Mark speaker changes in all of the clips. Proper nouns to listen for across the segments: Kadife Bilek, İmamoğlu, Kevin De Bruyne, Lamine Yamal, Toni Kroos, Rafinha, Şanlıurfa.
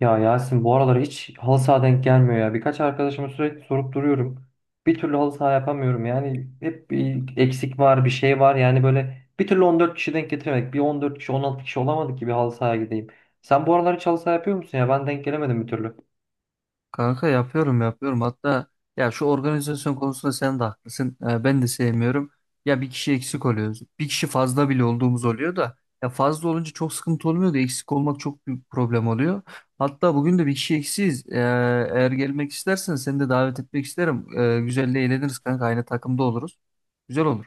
Speaker 1: Ya Yasin bu aralar hiç halı saha denk gelmiyor ya. Birkaç arkadaşıma sürekli sorup duruyorum. Bir türlü halı saha yapamıyorum. Yani hep bir eksik var, bir şey var. Yani böyle bir türlü 14 kişi denk getiremedik. Bir 14 kişi, 16 kişi olamadık ki bir halı sahaya gideyim. Sen bu aralar hiç halı saha yapıyor musun ya? Ben denk gelemedim bir türlü.
Speaker 2: Kanka yapıyorum yapıyorum. Hatta ya şu organizasyon konusunda sen de haklısın. Ben de sevmiyorum. Ya bir kişi eksik oluyoruz. Bir kişi fazla bile olduğumuz oluyor da ya fazla olunca çok sıkıntı olmuyor da eksik olmak çok büyük problem oluyor. Hatta bugün de bir kişi eksiyiz. Eğer gelmek istersen seni de davet etmek isterim. Güzel eğleniriz kanka. Aynı takımda oluruz. Güzel olur.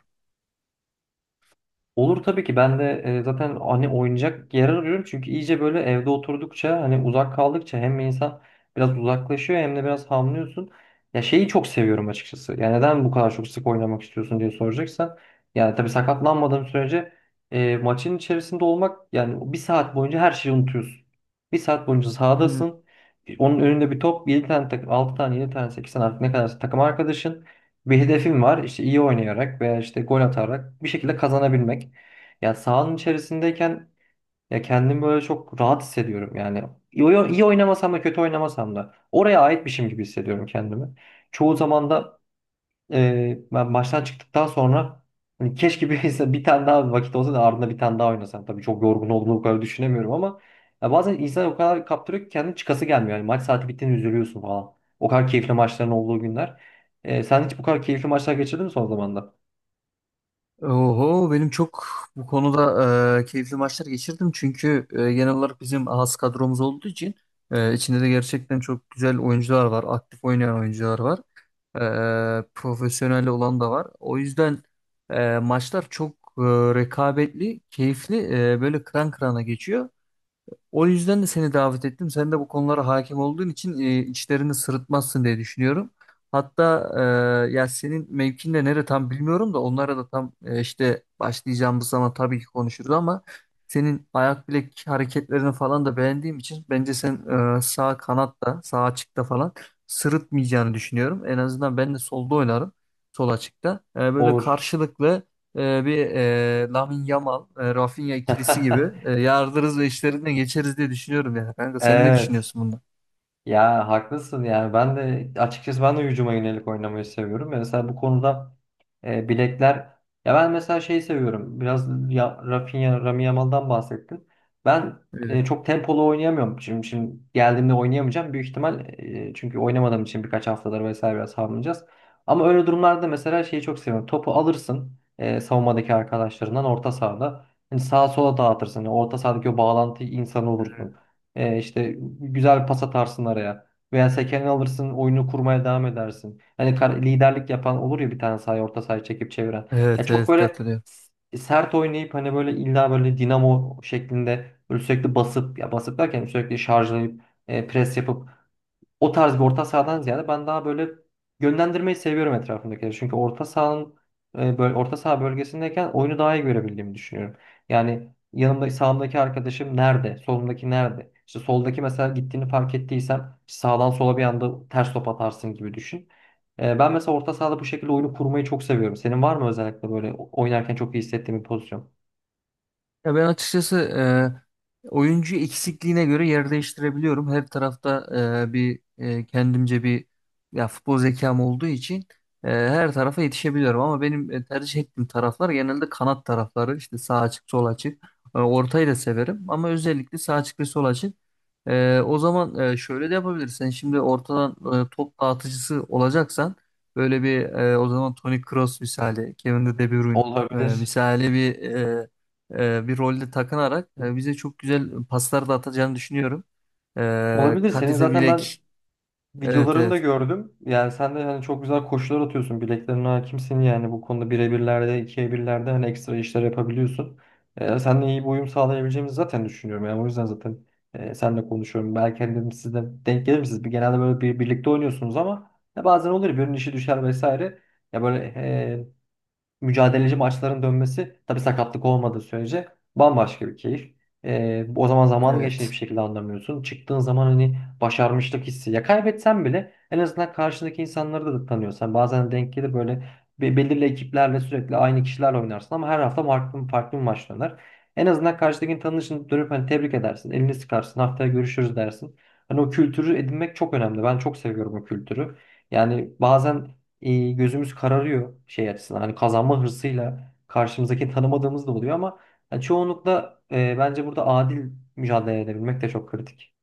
Speaker 1: Olur tabii ki ben de zaten hani oynayacak yer arıyorum çünkü iyice böyle evde oturdukça hani uzak kaldıkça hem insan biraz uzaklaşıyor hem de biraz hamlıyorsun. Ya şeyi çok seviyorum açıkçası. Ya neden bu kadar çok sık oynamak istiyorsun diye soracaksan. Yani tabii sakatlanmadığım sürece maçın içerisinde olmak, yani bir saat boyunca her şeyi unutuyorsun. Bir saat boyunca sahadasın. Onun önünde bir top, 7 tane takım, 6 tane, 7 tane, 8 tane artık ne kadar takım arkadaşın. Bir hedefim var. İşte iyi oynayarak veya işte gol atarak bir şekilde kazanabilmek. Yani sahanın içerisindeyken ya kendimi böyle çok rahat hissediyorum. Yani iyi oynamasam da kötü oynamasam da oraya aitmişim gibi hissediyorum kendimi. Çoğu zaman da ben maçtan çıktıktan sonra hani keşke bir, bir tane daha vakit olsa da ardında bir tane daha oynasam. Tabii çok yorgun olduğunu o kadar düşünemiyorum ama ya bazen insan o kadar kaptırıyor ki kendi çıkası gelmiyor. Yani maç saati bittiğinde üzülüyorsun falan. O kadar keyifli maçların olduğu günler. Sen hiç bu kadar keyifli maçlar geçirdin mi son zamanlarda?
Speaker 2: Oho benim çok bu konuda keyifli maçlar geçirdim. Çünkü genel olarak bizim az kadromuz olduğu için içinde de gerçekten çok güzel oyuncular var. Aktif oynayan oyuncular var. Profesyonel olan da var. O yüzden maçlar çok e, rekabetli, keyifli, böyle kıran kırana geçiyor. O yüzden de seni davet ettim. Sen de bu konulara hakim olduğun için içlerini sırıtmazsın diye düşünüyorum. Hatta ya senin mevkin de nere tam bilmiyorum da onlara da tam işte başlayacağımız zaman tabii ki konuşuruz ama senin ayak bilek hareketlerini falan da beğendiğim için bence sen sağ kanatta, sağ açıkta falan sırıtmayacağını düşünüyorum. En azından ben de solda oynarım, sol açıkta. Böyle
Speaker 1: Olur.
Speaker 2: karşılıklı bir Lamine Yamal, Rafinha ikilisi gibi yardırız ve işlerinden geçeriz diye düşünüyorum yani. Kanka sen ne
Speaker 1: Evet.
Speaker 2: düşünüyorsun bundan?
Speaker 1: Ya haklısın, yani ben de açıkçası ben de hücuma yönelik oynamayı seviyorum. Ve mesela bu konuda bilekler, ya ben mesela şeyi seviyorum. Biraz ya, Rafinha, Rami Yamal'dan bahsettin. Ben
Speaker 2: Evet.
Speaker 1: çok tempolu oynayamıyorum. Şimdi geldiğimde oynayamayacağım büyük ihtimal, çünkü oynamadığım için birkaç haftadır vesaire biraz hamlayacağız. Ama öyle durumlarda mesela şeyi çok seviyorum. Topu alırsın, savunmadaki arkadaşlarından orta sahada. Hani sağa sola dağıtırsın. Yani orta sahadaki o bağlantı insanı olursun. İşte güzel bir pas atarsın araya. Veya sekeni alırsın, oyunu kurmaya devam edersin. Hani liderlik yapan olur ya, bir tane sahaya, orta sahaya çekip çeviren. Ya
Speaker 2: Evet
Speaker 1: çok
Speaker 2: evet
Speaker 1: böyle
Speaker 2: katılıyorum.
Speaker 1: sert oynayıp, hani böyle illa böyle dinamo şeklinde böyle sürekli basıp, ya basıp derken sürekli şarjlayıp pres yapıp, o tarz bir orta sahadan ziyade ben daha böyle yönlendirmeyi seviyorum etrafımdakileri. Çünkü orta sahanın böyle orta saha bölgesindeyken oyunu daha iyi görebildiğimi düşünüyorum. Yani yanımda sağımdaki arkadaşım nerede? Solumdaki nerede? İşte soldaki mesela gittiğini fark ettiysem, işte sağdan sola bir anda ters top atarsın gibi düşün. Ben mesela orta sahada bu şekilde oyunu kurmayı çok seviyorum. Senin var mı özellikle böyle oynarken çok iyi hissettiğin bir pozisyon?
Speaker 2: Ya ben açıkçası oyuncu eksikliğine göre yer değiştirebiliyorum. Her tarafta kendimce bir ya futbol zekam olduğu için her tarafa yetişebiliyorum. Ama benim tercih ettiğim taraflar genelde kanat tarafları. İşte sağ açık, sol açık. Ortayı da severim ama özellikle sağ açık ve sol açık. O zaman şöyle de yapabilirsin. Şimdi ortadan top dağıtıcısı olacaksan böyle o zaman Toni Kroos misali, Kevin De Bruyne
Speaker 1: Olabilir.
Speaker 2: misali bir rolde takınarak bize çok güzel paslar da atacağını düşünüyorum.
Speaker 1: Olabilir. Senin
Speaker 2: Kadife
Speaker 1: zaten ben
Speaker 2: Bilek. Evet
Speaker 1: videolarını da
Speaker 2: evet.
Speaker 1: gördüm. Yani sen de yani çok güzel koşular atıyorsun. Bileklerine hakimsin, yani bu konuda birebirlerde, ikiye birlerde hani ekstra işler yapabiliyorsun. Seninle iyi bir uyum sağlayabileceğimizi zaten düşünüyorum. Yani o yüzden zaten seninle konuşuyorum. Belki hani dedim siz de denk gelir misiniz? Bir, genelde böyle bir, birlikte oynuyorsunuz ama ya bazen olur ya birinin işi düşer vesaire. Ya böyle mücadeleci maçların dönmesi, tabii sakatlık olmadığı sürece, bambaşka bir keyif. O zaman zamanın geçtiğini bir
Speaker 2: Evet.
Speaker 1: şekilde anlamıyorsun. Çıktığın zaman hani başarmışlık hissi. Ya kaybetsen bile en azından karşındaki insanları da tanıyorsan bazen denk gelir böyle, belirli ekiplerle sürekli aynı kişilerle oynarsın ama her hafta farklı, farklı bir maç döner. En azından karşıdakini tanışın dönüp hani tebrik edersin, elini sıkarsın, haftaya görüşürüz dersin. Hani o kültürü edinmek çok önemli. Ben çok seviyorum o kültürü. Yani bazen gözümüz kararıyor şey açısından. Hani kazanma hırsıyla karşımızdaki tanımadığımız da oluyor ama yani çoğunlukla bence burada adil mücadele edebilmek de çok kritik.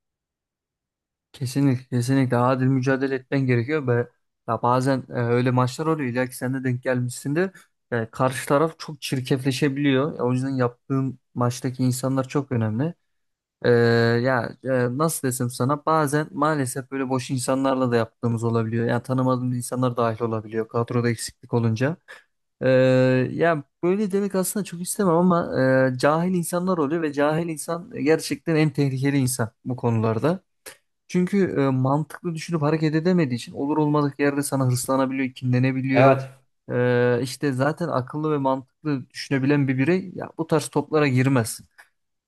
Speaker 2: Kesinlikle kesinlikle adil mücadele etmen gerekiyor ve ya bazen öyle maçlar oluyor illa ki sen de denk gelmişsindir. Karşı taraf çok çirkefleşebiliyor. O yüzden yaptığın maçtaki insanlar çok önemli. E, nasıl desem sana bazen maalesef böyle boş insanlarla da yaptığımız olabiliyor. Yani tanımadığımız insanlar dahil olabiliyor kadroda eksiklik olunca. Ee, Ya böyle demek aslında çok istemem ama cahil insanlar oluyor ve cahil insan gerçekten en tehlikeli insan bu konularda. Çünkü mantıklı düşünüp hareket edemediği için olur olmadık yerde sana hırslanabiliyor, kinlenebiliyor.
Speaker 1: Evet.
Speaker 2: İşte zaten akıllı ve mantıklı düşünebilen bir birey ya bu tarz toplara girmez.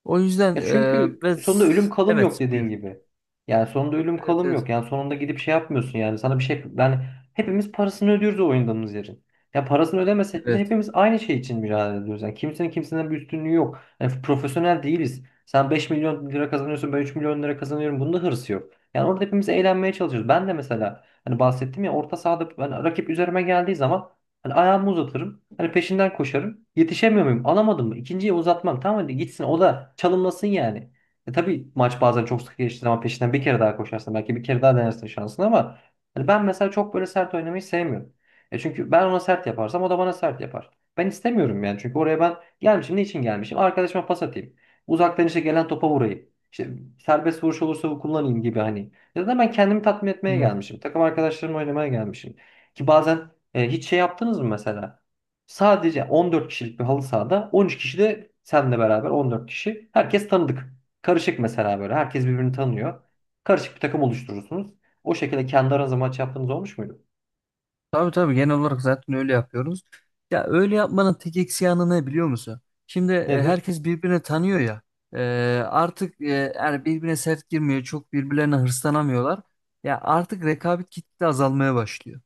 Speaker 2: O yüzden
Speaker 1: Ya
Speaker 2: e,
Speaker 1: çünkü
Speaker 2: ve
Speaker 1: sonunda ölüm kalım yok,
Speaker 2: evet,
Speaker 1: dediğin
Speaker 2: buyur.
Speaker 1: gibi. Yani sonunda ölüm
Speaker 2: Evet
Speaker 1: kalım
Speaker 2: evet
Speaker 1: yok. Yani sonunda gidip şey yapmıyorsun, yani sana bir şey, yani hepimiz parasını ödüyoruz o oynadığımız yerin. Ya parasını ödemesek bile
Speaker 2: evet.
Speaker 1: hepimiz aynı şey için mücadele ediyoruz. Yani kimsenin bir üstünlüğü yok. Yani profesyonel değiliz. Sen 5 milyon lira kazanıyorsun, ben 3 milyon lira kazanıyorum. Bunda hırsı yok. Yani orada hepimiz eğlenmeye çalışıyoruz. Ben de mesela hani bahsettim ya, orta sahada ben rakip üzerime geldiği zaman hani ayağımı uzatırım. Hani peşinden koşarım. Yetişemiyor muyum? Alamadım mı? İkinciye uzatmam. Tamam, hadi gitsin. O da çalımlasın yani. E tabii maç bazen çok sık geçti ama peşinden bir kere daha koşarsın. Belki bir kere daha denersin şansını ama hani ben mesela çok böyle sert oynamayı sevmiyorum. E çünkü ben ona sert yaparsam o da bana sert yapar. Ben istemiyorum yani. Çünkü oraya ben gelmişim. Ne için gelmişim? Arkadaşıma pas atayım. Uzaktan işte gelen topa vurayım. İşte serbest vuruş olursa kullanayım gibi hani. Ya da ben kendimi tatmin etmeye
Speaker 2: Evet.
Speaker 1: gelmişim. Takım arkadaşlarımla oynamaya gelmişim. Ki bazen hiç şey yaptınız mı mesela? Sadece 14 kişilik bir halı sahada 13 kişi, de senle beraber 14 kişi. Herkes tanıdık. Karışık mesela böyle. Herkes birbirini tanıyor. Karışık bir takım oluşturursunuz. O şekilde kendi aranızda maç yaptığınız olmuş muydu?
Speaker 2: Tabii tabii genel olarak zaten öyle yapıyoruz. Ya öyle yapmanın tek eksi yanı ne biliyor musun? Şimdi
Speaker 1: Nedir?
Speaker 2: herkes birbirini tanıyor ya. E, artık e, yani birbirine sert girmiyor. Çok birbirlerine hırslanamıyorlar. Ya artık rekabet gitgide azalmaya başlıyor.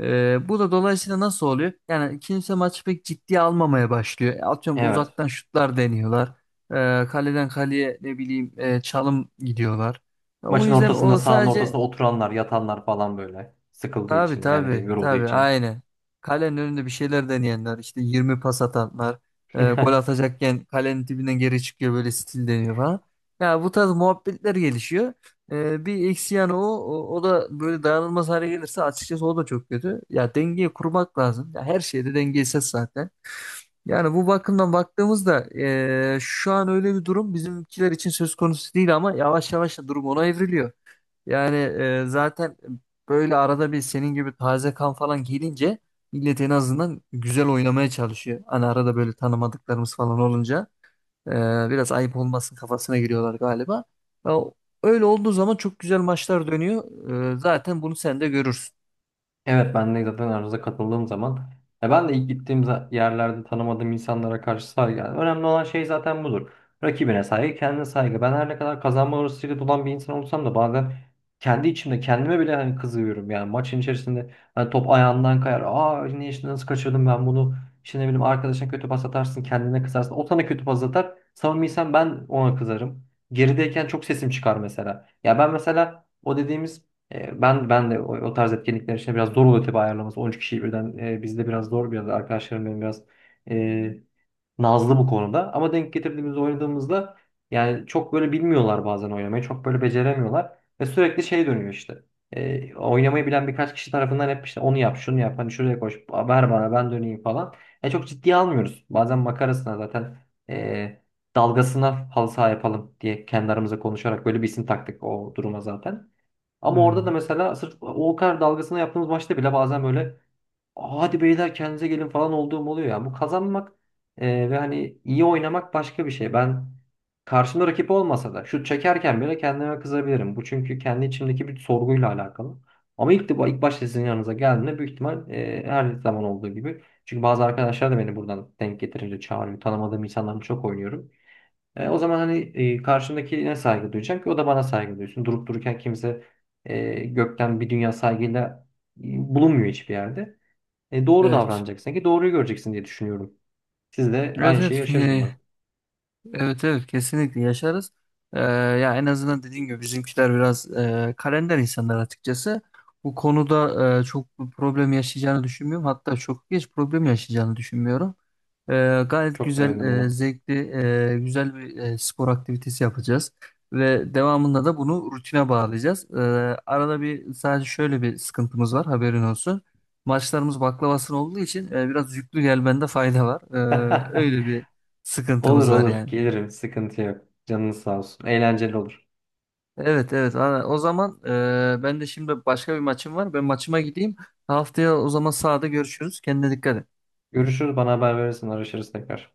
Speaker 2: Bu da dolayısıyla nasıl oluyor? Yani kimse maçı pek ciddiye almamaya başlıyor. Atıyorum,
Speaker 1: Evet.
Speaker 2: uzaktan şutlar deniyorlar. Kaleden kaleye ne bileyim çalım gidiyorlar. O
Speaker 1: Maçın
Speaker 2: yüzden
Speaker 1: ortasında,
Speaker 2: o
Speaker 1: sahanın ortasında
Speaker 2: sadece
Speaker 1: oturanlar, yatanlar falan böyle. Sıkıldığı
Speaker 2: tabii
Speaker 1: için, yani
Speaker 2: tabii
Speaker 1: benim yorulduğu
Speaker 2: tabii
Speaker 1: için.
Speaker 2: aynen. Kalenin önünde bir şeyler deneyenler işte 20 pas atanlar gol atacakken kalenin dibinden geri çıkıyor böyle stil deniyor falan. Ya bu tarz muhabbetler gelişiyor. Bir eksi yanı o, o da böyle dayanılmaz hale gelirse açıkçası o da çok kötü. Ya dengeyi kurmak lazım. Ya her şeyde dengesiz zaten. Yani bu bakımdan baktığımızda şu an öyle bir durum bizimkiler için söz konusu değil ama yavaş yavaş da durum ona evriliyor. Zaten böyle arada bir senin gibi taze kan falan gelince millet en azından güzel oynamaya çalışıyor. Hani arada böyle tanımadıklarımız falan olunca e, biraz ayıp olmasın kafasına giriyorlar galiba. Ya, öyle olduğu zaman çok güzel maçlar dönüyor. Zaten bunu sen de görürsün.
Speaker 1: Evet, ben de zaten aranıza katıldığım zaman, ya ben de ilk gittiğim yerlerde tanımadığım insanlara karşı saygı. Yani önemli olan şey zaten budur. Rakibine saygı, kendine saygı. Ben her ne kadar kazanma hırsıyla dolan bir insan olsam da bazen kendi içimde kendime bile hani kızıyorum. Yani maçın içerisinde hani top ayağından kayar. Aa, ne işte, nasıl kaçırdım ben bunu? İşte ne bileyim, arkadaşına kötü pas atarsın, kendine kızarsın. O sana kötü pas atar. Savunmaysan ben ona kızarım. Gerideyken çok sesim çıkar mesela. Ya ben mesela o dediğimiz ben de o tarz etkinlikler için biraz zor oluyor tabii ayarlaması. 13 kişiyi birden bizde biraz zor, biraz arkadaşlarım benim biraz e, nazlı bu konuda. Ama denk getirdiğimiz oynadığımızda, yani çok böyle bilmiyorlar bazen oynamayı. Çok böyle beceremiyorlar ve sürekli şey dönüyor işte. Oynamayı bilen birkaç kişi tarafından hep işte onu yap, şunu yap, hani şuraya koş, ver bana ben döneyim falan. Çok ciddiye almıyoruz. Bazen makarasına zaten e, dalgasına halı saha yapalım diye kendi aramızda konuşarak böyle bir isim taktık o duruma zaten. Ama orada da
Speaker 2: Hmm,
Speaker 1: mesela sırf o kadar dalgasına yaptığımız maçta bile bazen böyle "Aa, hadi beyler kendinize gelin" falan olduğum oluyor ya. Bu kazanmak ve hani iyi oynamak başka bir şey. Ben karşımda rakip olmasa da şut çekerken bile kendime kızabilirim. Bu çünkü kendi içimdeki bir sorguyla alakalı. Ama ilk başta sizin yanınıza geldiğimde büyük ihtimal her zaman olduğu gibi. Çünkü bazı arkadaşlar da beni buradan denk getirince çağırıyor. Tanımadığım insanlarla çok oynuyorum. O zaman hani karşımdakine saygı duyacağım ki o da bana saygı duysun. Durup dururken kimse gökten bir dünya saygıyla bulunmuyor hiçbir yerde. Doğru
Speaker 2: evet.
Speaker 1: davranacaksın ki doğruyu göreceksin diye düşünüyorum. Siz de
Speaker 2: Evet
Speaker 1: aynı şeyi
Speaker 2: evet.
Speaker 1: yaşarız umarım.
Speaker 2: Evet evet kesinlikle yaşarız. Ee, Ya en azından dediğim gibi bizimkiler biraz kalender insanlar açıkçası. Bu konuda çok bir problem yaşayacağını düşünmüyorum. Hatta çok geç problem yaşayacağını düşünmüyorum. Gayet
Speaker 1: Çok
Speaker 2: güzel,
Speaker 1: sevindim buna.
Speaker 2: zevkli, güzel bir spor aktivitesi yapacağız. Ve devamında da bunu rutine bağlayacağız. Arada bir sadece şöyle bir sıkıntımız var, haberin olsun. Maçlarımız baklavasına olduğu için biraz yüklü gelmende fayda var. Öyle bir
Speaker 1: Olur
Speaker 2: sıkıntımız var
Speaker 1: olur,
Speaker 2: yani.
Speaker 1: gelirim, sıkıntı yok. Canınız sağ olsun. Eğlenceli olur.
Speaker 2: Evet evet. Aa, o zaman ben de şimdi başka bir maçım var. Ben maçıma gideyim. Haftaya o zaman sahada görüşürüz. Kendine dikkat et.
Speaker 1: Görüşürüz, bana haber verirsin, araşırız tekrar.